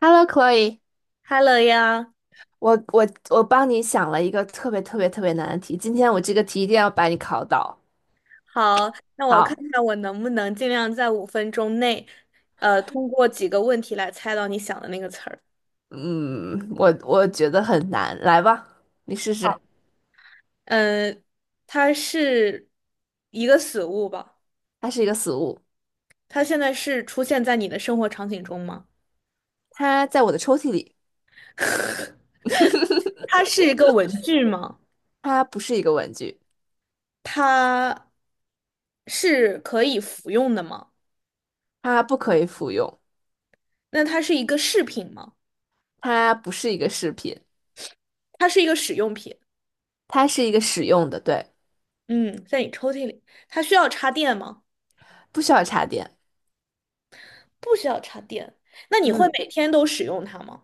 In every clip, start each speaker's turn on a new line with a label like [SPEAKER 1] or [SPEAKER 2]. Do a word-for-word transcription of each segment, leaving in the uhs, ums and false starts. [SPEAKER 1] Hello, Chloe，
[SPEAKER 2] 哈喽呀，
[SPEAKER 1] 我我我帮你想了一个特别特别特别难的题，今天我这个题一定要把你考倒。
[SPEAKER 2] 好，那我看
[SPEAKER 1] 好，
[SPEAKER 2] 看我能不能尽量在五分钟内，呃，通过几个问题来猜到你想的那个词儿。
[SPEAKER 1] 嗯，我我觉得很难，来吧，你试试。
[SPEAKER 2] 嗯，它是一个死物吧？
[SPEAKER 1] 它是一个死物，
[SPEAKER 2] 它现在是出现在你的生活场景中吗？
[SPEAKER 1] 它在我的抽屉里，
[SPEAKER 2] 它是一个文具吗？
[SPEAKER 1] 它不是一个文具，
[SPEAKER 2] 它是可以服用的吗？
[SPEAKER 1] 它不可以服用，
[SPEAKER 2] 那它是一个饰品吗？
[SPEAKER 1] 它不是一个饰品，
[SPEAKER 2] 它是一个使用品。
[SPEAKER 1] 它是一个使用的，对，
[SPEAKER 2] 嗯，在你抽屉里，它需要插电吗？
[SPEAKER 1] 不需要插电。
[SPEAKER 2] 不需要插电。那你会
[SPEAKER 1] 嗯，
[SPEAKER 2] 每天都使用它吗？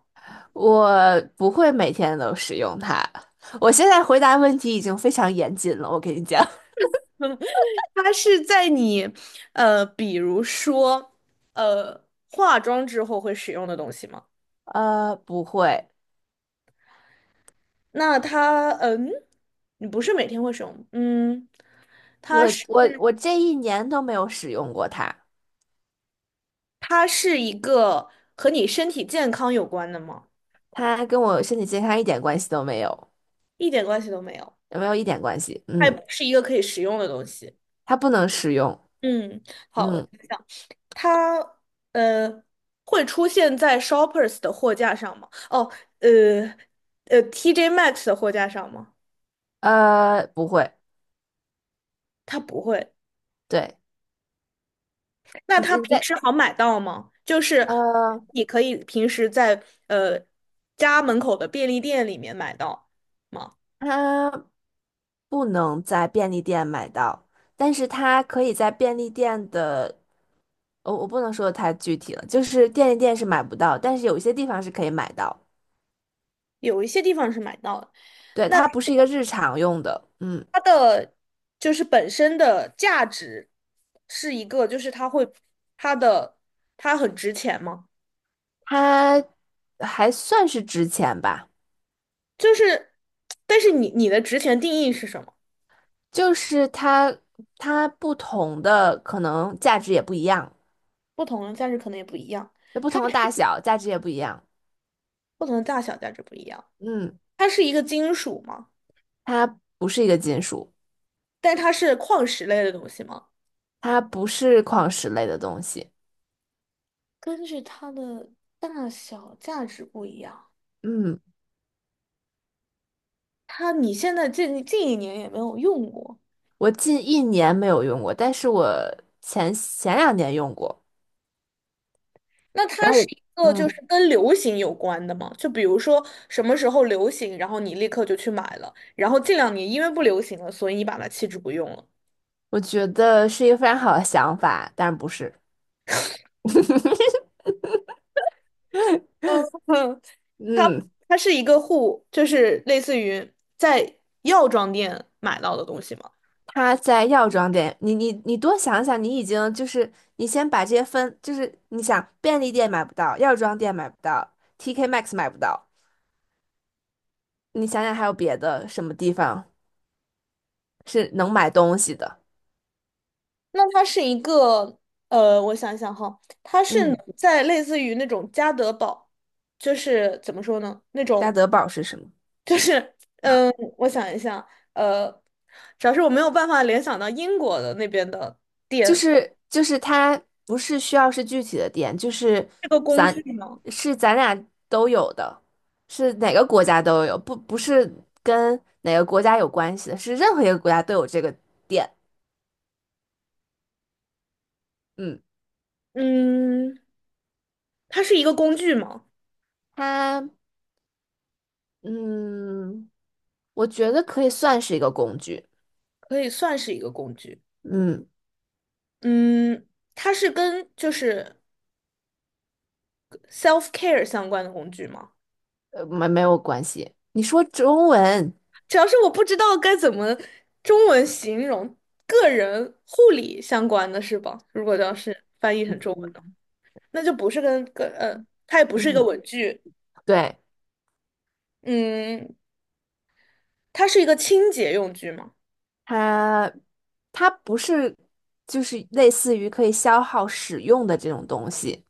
[SPEAKER 1] 我不会每天都使用它。我现在回答问题已经非常严谨了，我跟你讲。
[SPEAKER 2] 嗯 它是在你，呃，比如说，呃，化妆之后会使用的东西吗？
[SPEAKER 1] 呃，不会，
[SPEAKER 2] 那它，嗯，你不是每天会使用，嗯，
[SPEAKER 1] 我我我这一年都没有使用过它，
[SPEAKER 2] 它是一个和你身体健康有关的吗？
[SPEAKER 1] 它跟我身体健康一点关系都没有，
[SPEAKER 2] 一点关系都没有，
[SPEAKER 1] 有没有一点关系？
[SPEAKER 2] 它也
[SPEAKER 1] 嗯，
[SPEAKER 2] 不是一个可以食用的东西。
[SPEAKER 1] 它不能使用，
[SPEAKER 2] 嗯，好，我
[SPEAKER 1] 嗯，
[SPEAKER 2] 想想，它呃会出现在 Shoppers 的货架上吗？哦，呃呃，T J max 的货架上吗？
[SPEAKER 1] 呃，不会，
[SPEAKER 2] 它不会。
[SPEAKER 1] 对，
[SPEAKER 2] 那
[SPEAKER 1] 你
[SPEAKER 2] 它
[SPEAKER 1] 在你
[SPEAKER 2] 平
[SPEAKER 1] 在
[SPEAKER 2] 时好买到吗？就是
[SPEAKER 1] 呃，
[SPEAKER 2] 你可以平时在呃家门口的便利店里面买到吗？
[SPEAKER 1] 它不能在便利店买到，但是它可以在便利店的，我、我不能说的太具体了，就是便利店是买不到，但是有一些地方是可以买到，
[SPEAKER 2] 有一些地方是买到的。
[SPEAKER 1] 对，
[SPEAKER 2] 那
[SPEAKER 1] 它不是一个日常用的，嗯，
[SPEAKER 2] 它的就是本身的价值是一个，就是它会它的它很值钱吗？
[SPEAKER 1] 它还算是值钱吧。
[SPEAKER 2] 就是，但是你你的值钱定义是什么？
[SPEAKER 1] 就是它它不同的可能价值也不一样，
[SPEAKER 2] 不同的价值可能也不一样，
[SPEAKER 1] 就不
[SPEAKER 2] 它
[SPEAKER 1] 同
[SPEAKER 2] 是
[SPEAKER 1] 的大小价值也不一样。
[SPEAKER 2] 不同的大小价值不一样。
[SPEAKER 1] 嗯，
[SPEAKER 2] 它是一个金属吗？
[SPEAKER 1] 它不是一个金属，
[SPEAKER 2] 但它是矿石类的东西吗？
[SPEAKER 1] 它不是矿石类的东西。
[SPEAKER 2] 根据它的大小价值不一样。
[SPEAKER 1] 嗯，
[SPEAKER 2] 它你现在近近一年也没有用过，
[SPEAKER 1] 我近一年没有用过，但是我前前两年用过。
[SPEAKER 2] 那它
[SPEAKER 1] 然后
[SPEAKER 2] 是
[SPEAKER 1] 我
[SPEAKER 2] 一个就
[SPEAKER 1] 嗯，
[SPEAKER 2] 是跟流行有关的吗？就比如说什么时候流行，然后你立刻就去买了，然后近两年因为不流行了，所以你把它弃之不用了。
[SPEAKER 1] 我觉得是一个非常好的想法，但是不是。
[SPEAKER 2] 嗯，它
[SPEAKER 1] 嗯。
[SPEAKER 2] 它是一个护，就是类似于在药妆店买到的东西嘛。
[SPEAKER 1] 他在药妆店，你你你多想想，你已经就是你先把这些分，就是你想便利店买不到，药妆店买不到，T K M A X 买不到，你想想还有别的什么地方是能买东西的？
[SPEAKER 2] 那它是一个呃，我想一想哈，它是能
[SPEAKER 1] 嗯，
[SPEAKER 2] 在类似于那种家得宝，就是怎么说呢？那
[SPEAKER 1] 家
[SPEAKER 2] 种
[SPEAKER 1] 得宝是什么？
[SPEAKER 2] 就是嗯、呃我想一下，呃，主要是我没有办法联想到英国的那边的
[SPEAKER 1] 就
[SPEAKER 2] 店，
[SPEAKER 1] 是就是它不是需要是具体的店，就是
[SPEAKER 2] 这个工
[SPEAKER 1] 咱
[SPEAKER 2] 具呢，
[SPEAKER 1] 是咱俩都有的，是哪个国家都有，不不是跟哪个国家有关系的，是任何一个国家都有这个店。嗯，
[SPEAKER 2] 嗯，它是一个工具吗？
[SPEAKER 1] 它。嗯，我觉得可以算是一个工具。
[SPEAKER 2] 可以算是一个工具。
[SPEAKER 1] 嗯，
[SPEAKER 2] 嗯，它是跟就是 self care 相关的工具吗？
[SPEAKER 1] 呃，没没有关系。你说中文，
[SPEAKER 2] 主要是我不知道该怎么中文形容个人护理相关的是吧？如果要是翻译成中文的，那就不是跟跟呃，它也不是一个
[SPEAKER 1] 嗯，
[SPEAKER 2] 文具，
[SPEAKER 1] 对，
[SPEAKER 2] 嗯，它是一个清洁用具嘛，
[SPEAKER 1] 它它不是就是类似于可以消耗使用的这种东西，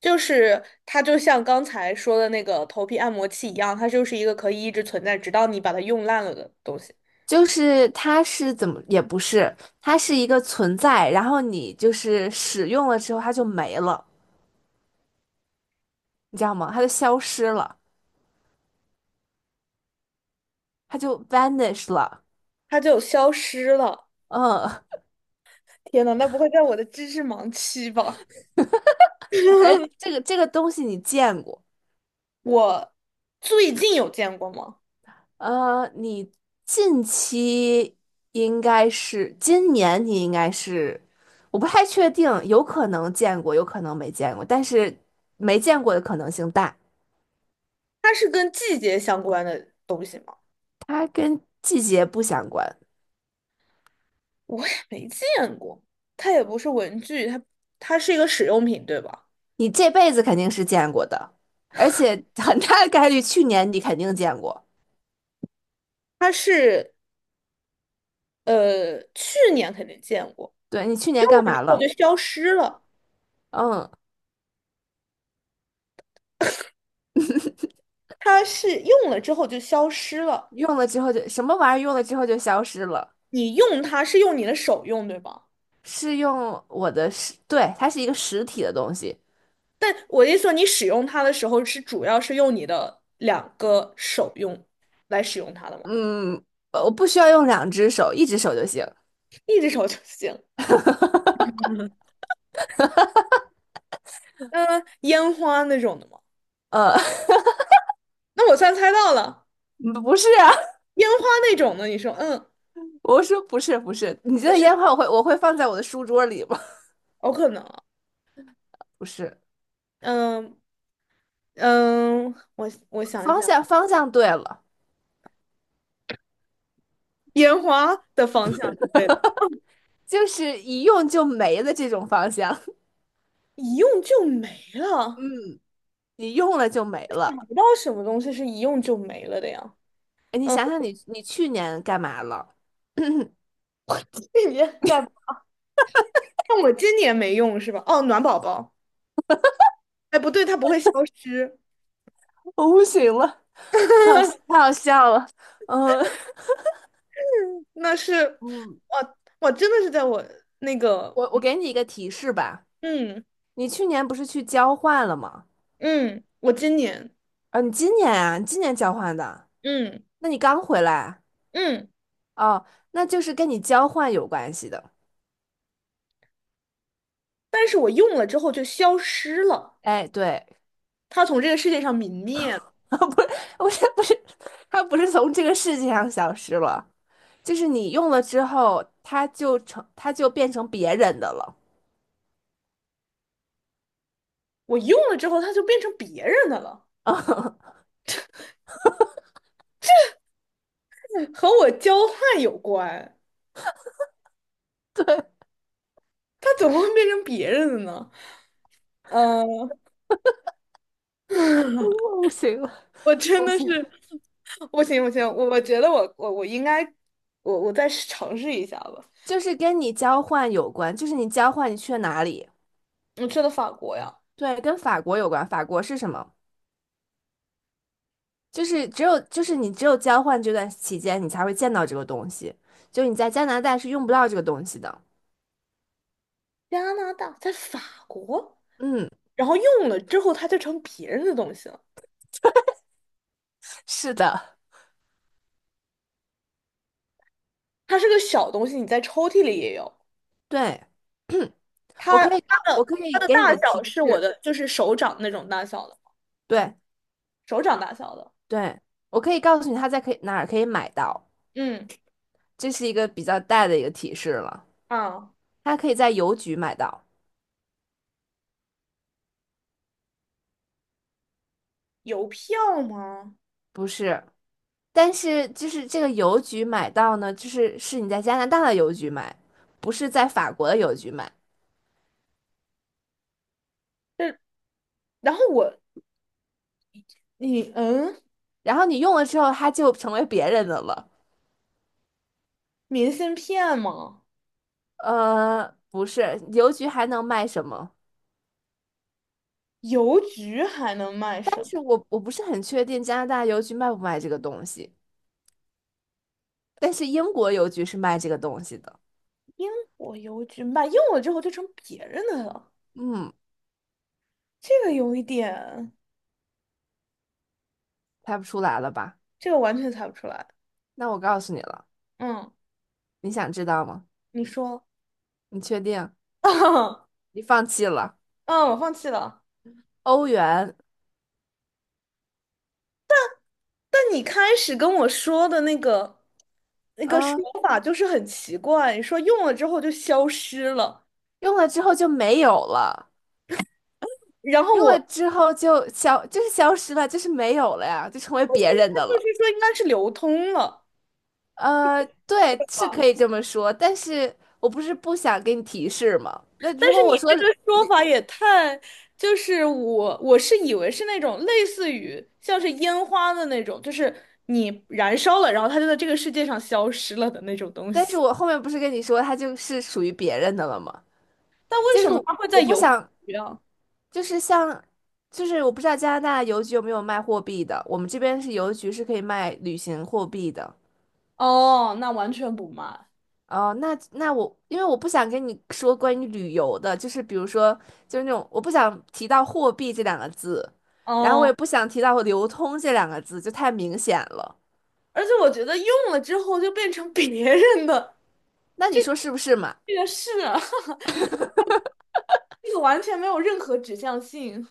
[SPEAKER 2] 就是它就像刚才说的那个头皮按摩器一样，它就是一个可以一直存在，直到你把它用烂了的东西，
[SPEAKER 1] 就是它是怎么也不是，它是一个存在，然后你就是使用了之后它就没了，你知道吗？它就消失了，它就 vanish 了。
[SPEAKER 2] 它就消失了。
[SPEAKER 1] 嗯，
[SPEAKER 2] 天呐，那不会在我的知识盲区吧？
[SPEAKER 1] 而这个这个东西你见过？
[SPEAKER 2] 我最近有见过吗？
[SPEAKER 1] 呃，你近期应该是今年，你应该是，我不太确定，有可能见过，有可能没见过，但是没见过的可能性大。
[SPEAKER 2] 它是跟季节相关的东西吗？
[SPEAKER 1] 它跟季节不相关，
[SPEAKER 2] 我也没见过，它也不是文具，它它是一个使用品，对吧？
[SPEAKER 1] 你这辈子肯定是见过的，而且 很大的概率去年你肯定见过。
[SPEAKER 2] 它是呃，去年肯定见过，
[SPEAKER 1] 对，你去年
[SPEAKER 2] 用
[SPEAKER 1] 干
[SPEAKER 2] 了
[SPEAKER 1] 嘛
[SPEAKER 2] 之后
[SPEAKER 1] 了？
[SPEAKER 2] 就消失了。
[SPEAKER 1] 嗯，
[SPEAKER 2] 它是用了之后就消失了。
[SPEAKER 1] 用了之后就什么玩意儿用了之后就消失了，
[SPEAKER 2] 你用它是用你的手用，对吧？
[SPEAKER 1] 是用我的实，对，它是一个实体的东西。
[SPEAKER 2] 但我的意思说，你使用它的时候是主要是用你的两个手用来使用它的吗？
[SPEAKER 1] 嗯，呃我不需要用两只手，一只手就行。
[SPEAKER 2] 一只手就行。嗯、烟花那种的吗？
[SPEAKER 1] 呃，
[SPEAKER 2] 那我算猜到了。
[SPEAKER 1] 不是啊，
[SPEAKER 2] 烟花那种的，你说，嗯，
[SPEAKER 1] 我说不是不是，你这
[SPEAKER 2] 不
[SPEAKER 1] 个
[SPEAKER 2] 是
[SPEAKER 1] 烟花我会我会放在我的书桌里吗？
[SPEAKER 2] 有可能，
[SPEAKER 1] 不是，
[SPEAKER 2] 嗯嗯，我我想一
[SPEAKER 1] 方
[SPEAKER 2] 想，
[SPEAKER 1] 向方向对了，
[SPEAKER 2] 烟花的方向，对的，
[SPEAKER 1] 就是一用就没了这种方向，
[SPEAKER 2] 一用就没了，
[SPEAKER 1] 你用了就没
[SPEAKER 2] 找
[SPEAKER 1] 了。
[SPEAKER 2] 不到什么东西是一用就没了的呀。
[SPEAKER 1] 哎，你
[SPEAKER 2] 嗯，
[SPEAKER 1] 想想你你去年干嘛了？
[SPEAKER 2] 这你在，但我今年没用是吧？哦，暖宝宝，哎，不对，它不会消失，
[SPEAKER 1] 我不行了，太好太 好笑了。嗯
[SPEAKER 2] 那是，
[SPEAKER 1] 嗯，
[SPEAKER 2] 我我真的是在我那个，
[SPEAKER 1] 我我给你一个提示吧，
[SPEAKER 2] 嗯
[SPEAKER 1] 你去年不是去交换了吗？
[SPEAKER 2] 嗯，我今年，
[SPEAKER 1] 啊，你今年啊，你今年交换的，
[SPEAKER 2] 嗯
[SPEAKER 1] 那你刚回来。
[SPEAKER 2] 嗯，
[SPEAKER 1] 哦，那就是跟你交换有关系的。
[SPEAKER 2] 但是我用了之后就消失了。
[SPEAKER 1] 哎，对，
[SPEAKER 2] 它从这个世界上泯灭。
[SPEAKER 1] 不是，不是，不是，它不是从这个世界上消失了，就是你用了之后，它就成，它就变成别人的了。
[SPEAKER 2] 我用了之后，它就变成别人的了，
[SPEAKER 1] 我
[SPEAKER 2] 和我交换有关。它怎么会变成别人的呢？嗯，呃
[SPEAKER 1] 不行了，
[SPEAKER 2] 我真
[SPEAKER 1] 我不
[SPEAKER 2] 的是，
[SPEAKER 1] 行了。
[SPEAKER 2] 不行不行，我我觉得我我我应该，我我再尝试一下吧。
[SPEAKER 1] 就是跟你交换有关，就是你交换你去了哪里？
[SPEAKER 2] 我去了法国呀，
[SPEAKER 1] 对，跟法国有关。法国是什么？就是只有就是你只有交换这段期间，你才会见到这个东西。就你在加拿大是用不到这个东西的。
[SPEAKER 2] 加拿大，在法国，
[SPEAKER 1] 嗯，
[SPEAKER 2] 然后用了之后，它就成别人的东西了。
[SPEAKER 1] 是的，
[SPEAKER 2] 它是个小东西，你在抽屉里也有。
[SPEAKER 1] 对。我
[SPEAKER 2] 它
[SPEAKER 1] 可
[SPEAKER 2] 它
[SPEAKER 1] 以告，我
[SPEAKER 2] 的
[SPEAKER 1] 可
[SPEAKER 2] 它
[SPEAKER 1] 以
[SPEAKER 2] 的
[SPEAKER 1] 给你
[SPEAKER 2] 大
[SPEAKER 1] 个提
[SPEAKER 2] 小是我
[SPEAKER 1] 示，
[SPEAKER 2] 的，就是手掌那种大小的，
[SPEAKER 1] 对
[SPEAKER 2] 手掌大小的。
[SPEAKER 1] 对，我可以告诉你他在可以哪儿可以买到，
[SPEAKER 2] 嗯
[SPEAKER 1] 这是一个比较大的一个提示了。
[SPEAKER 2] 啊。
[SPEAKER 1] 他可以在邮局买到，
[SPEAKER 2] 邮票吗？
[SPEAKER 1] 不是，但是就是这个邮局买到呢，就是是你在加拿大的邮局买，不是在法国的邮局买。
[SPEAKER 2] 这，然后我，你嗯，
[SPEAKER 1] 然后你用了之后，它就成为别人的了。
[SPEAKER 2] 明信片吗？
[SPEAKER 1] 呃，不是，邮局还能卖什么？
[SPEAKER 2] 邮局还能卖
[SPEAKER 1] 但
[SPEAKER 2] 什么？
[SPEAKER 1] 是我我不是很确定加拿大邮局卖不卖这个东西，但是英国邮局是卖这个东西的。
[SPEAKER 2] 英国邮局卖用了之后就成别人的了，
[SPEAKER 1] 嗯。
[SPEAKER 2] 这个有一点，
[SPEAKER 1] 猜不出来了吧？
[SPEAKER 2] 这个完全猜不出来。
[SPEAKER 1] 那我告诉你了，
[SPEAKER 2] 嗯，
[SPEAKER 1] 你想知道吗？
[SPEAKER 2] 你说，
[SPEAKER 1] 你确定？
[SPEAKER 2] 啊，
[SPEAKER 1] 你放弃了？
[SPEAKER 2] 嗯我放弃了。
[SPEAKER 1] 欧元，
[SPEAKER 2] 但你开始跟我说的那个那个说
[SPEAKER 1] 啊，
[SPEAKER 2] 法就是很奇怪，你说用了之后就消失了，
[SPEAKER 1] 用了之后就没有了，
[SPEAKER 2] 然后
[SPEAKER 1] 用了
[SPEAKER 2] 我，
[SPEAKER 1] 之后就消，就是消失了，就是没有了呀，就成为别人
[SPEAKER 2] 那
[SPEAKER 1] 的
[SPEAKER 2] 就
[SPEAKER 1] 了。
[SPEAKER 2] 是说应该是流通了。
[SPEAKER 1] 呃，对，
[SPEAKER 2] 对
[SPEAKER 1] 是
[SPEAKER 2] 吧？
[SPEAKER 1] 可以这么说，但是我不是不想给你提示吗？那如
[SPEAKER 2] 但是
[SPEAKER 1] 果我
[SPEAKER 2] 你
[SPEAKER 1] 说，
[SPEAKER 2] 这个说法也太，就是我我是以为是那种类似于像是烟花的那种，就是你燃烧了，然后它就在这个世界上消失了的那种东
[SPEAKER 1] 但是
[SPEAKER 2] 西。
[SPEAKER 1] 我后面不是跟你说它就是属于别人的了吗？
[SPEAKER 2] 但为
[SPEAKER 1] 就
[SPEAKER 2] 什
[SPEAKER 1] 是
[SPEAKER 2] 么它会
[SPEAKER 1] 我
[SPEAKER 2] 在
[SPEAKER 1] 不
[SPEAKER 2] 邮
[SPEAKER 1] 想，
[SPEAKER 2] 局啊？
[SPEAKER 1] 就是像，就是我不知道加拿大邮局有没有卖货币的，我们这边是邮局是可以卖旅行货币的。
[SPEAKER 2] 哦，那完全不嘛。
[SPEAKER 1] 哦，那那我因为我不想跟你说关于旅游的，就是比如说就是那种我不想提到货币这两个字，然后我
[SPEAKER 2] 哦，
[SPEAKER 1] 也不想提到流通这两个字，就太明显了。
[SPEAKER 2] 而且我觉得用了之后就变成别人的，
[SPEAKER 1] 那你说是不是嘛？
[SPEAKER 2] 这个是啊 这个完全没有任何指向性，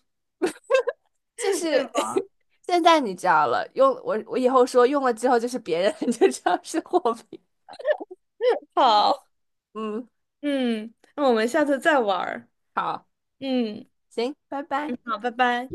[SPEAKER 1] 就
[SPEAKER 2] 对
[SPEAKER 1] 是
[SPEAKER 2] 吧？
[SPEAKER 1] 现在你知道了，用我我以后说用了之后就是别人 就知道是货币。
[SPEAKER 2] 好，
[SPEAKER 1] 嗯，
[SPEAKER 2] 嗯，那我们下次再玩儿
[SPEAKER 1] 好，
[SPEAKER 2] 嗯，
[SPEAKER 1] 行，拜拜。
[SPEAKER 2] 好，拜拜。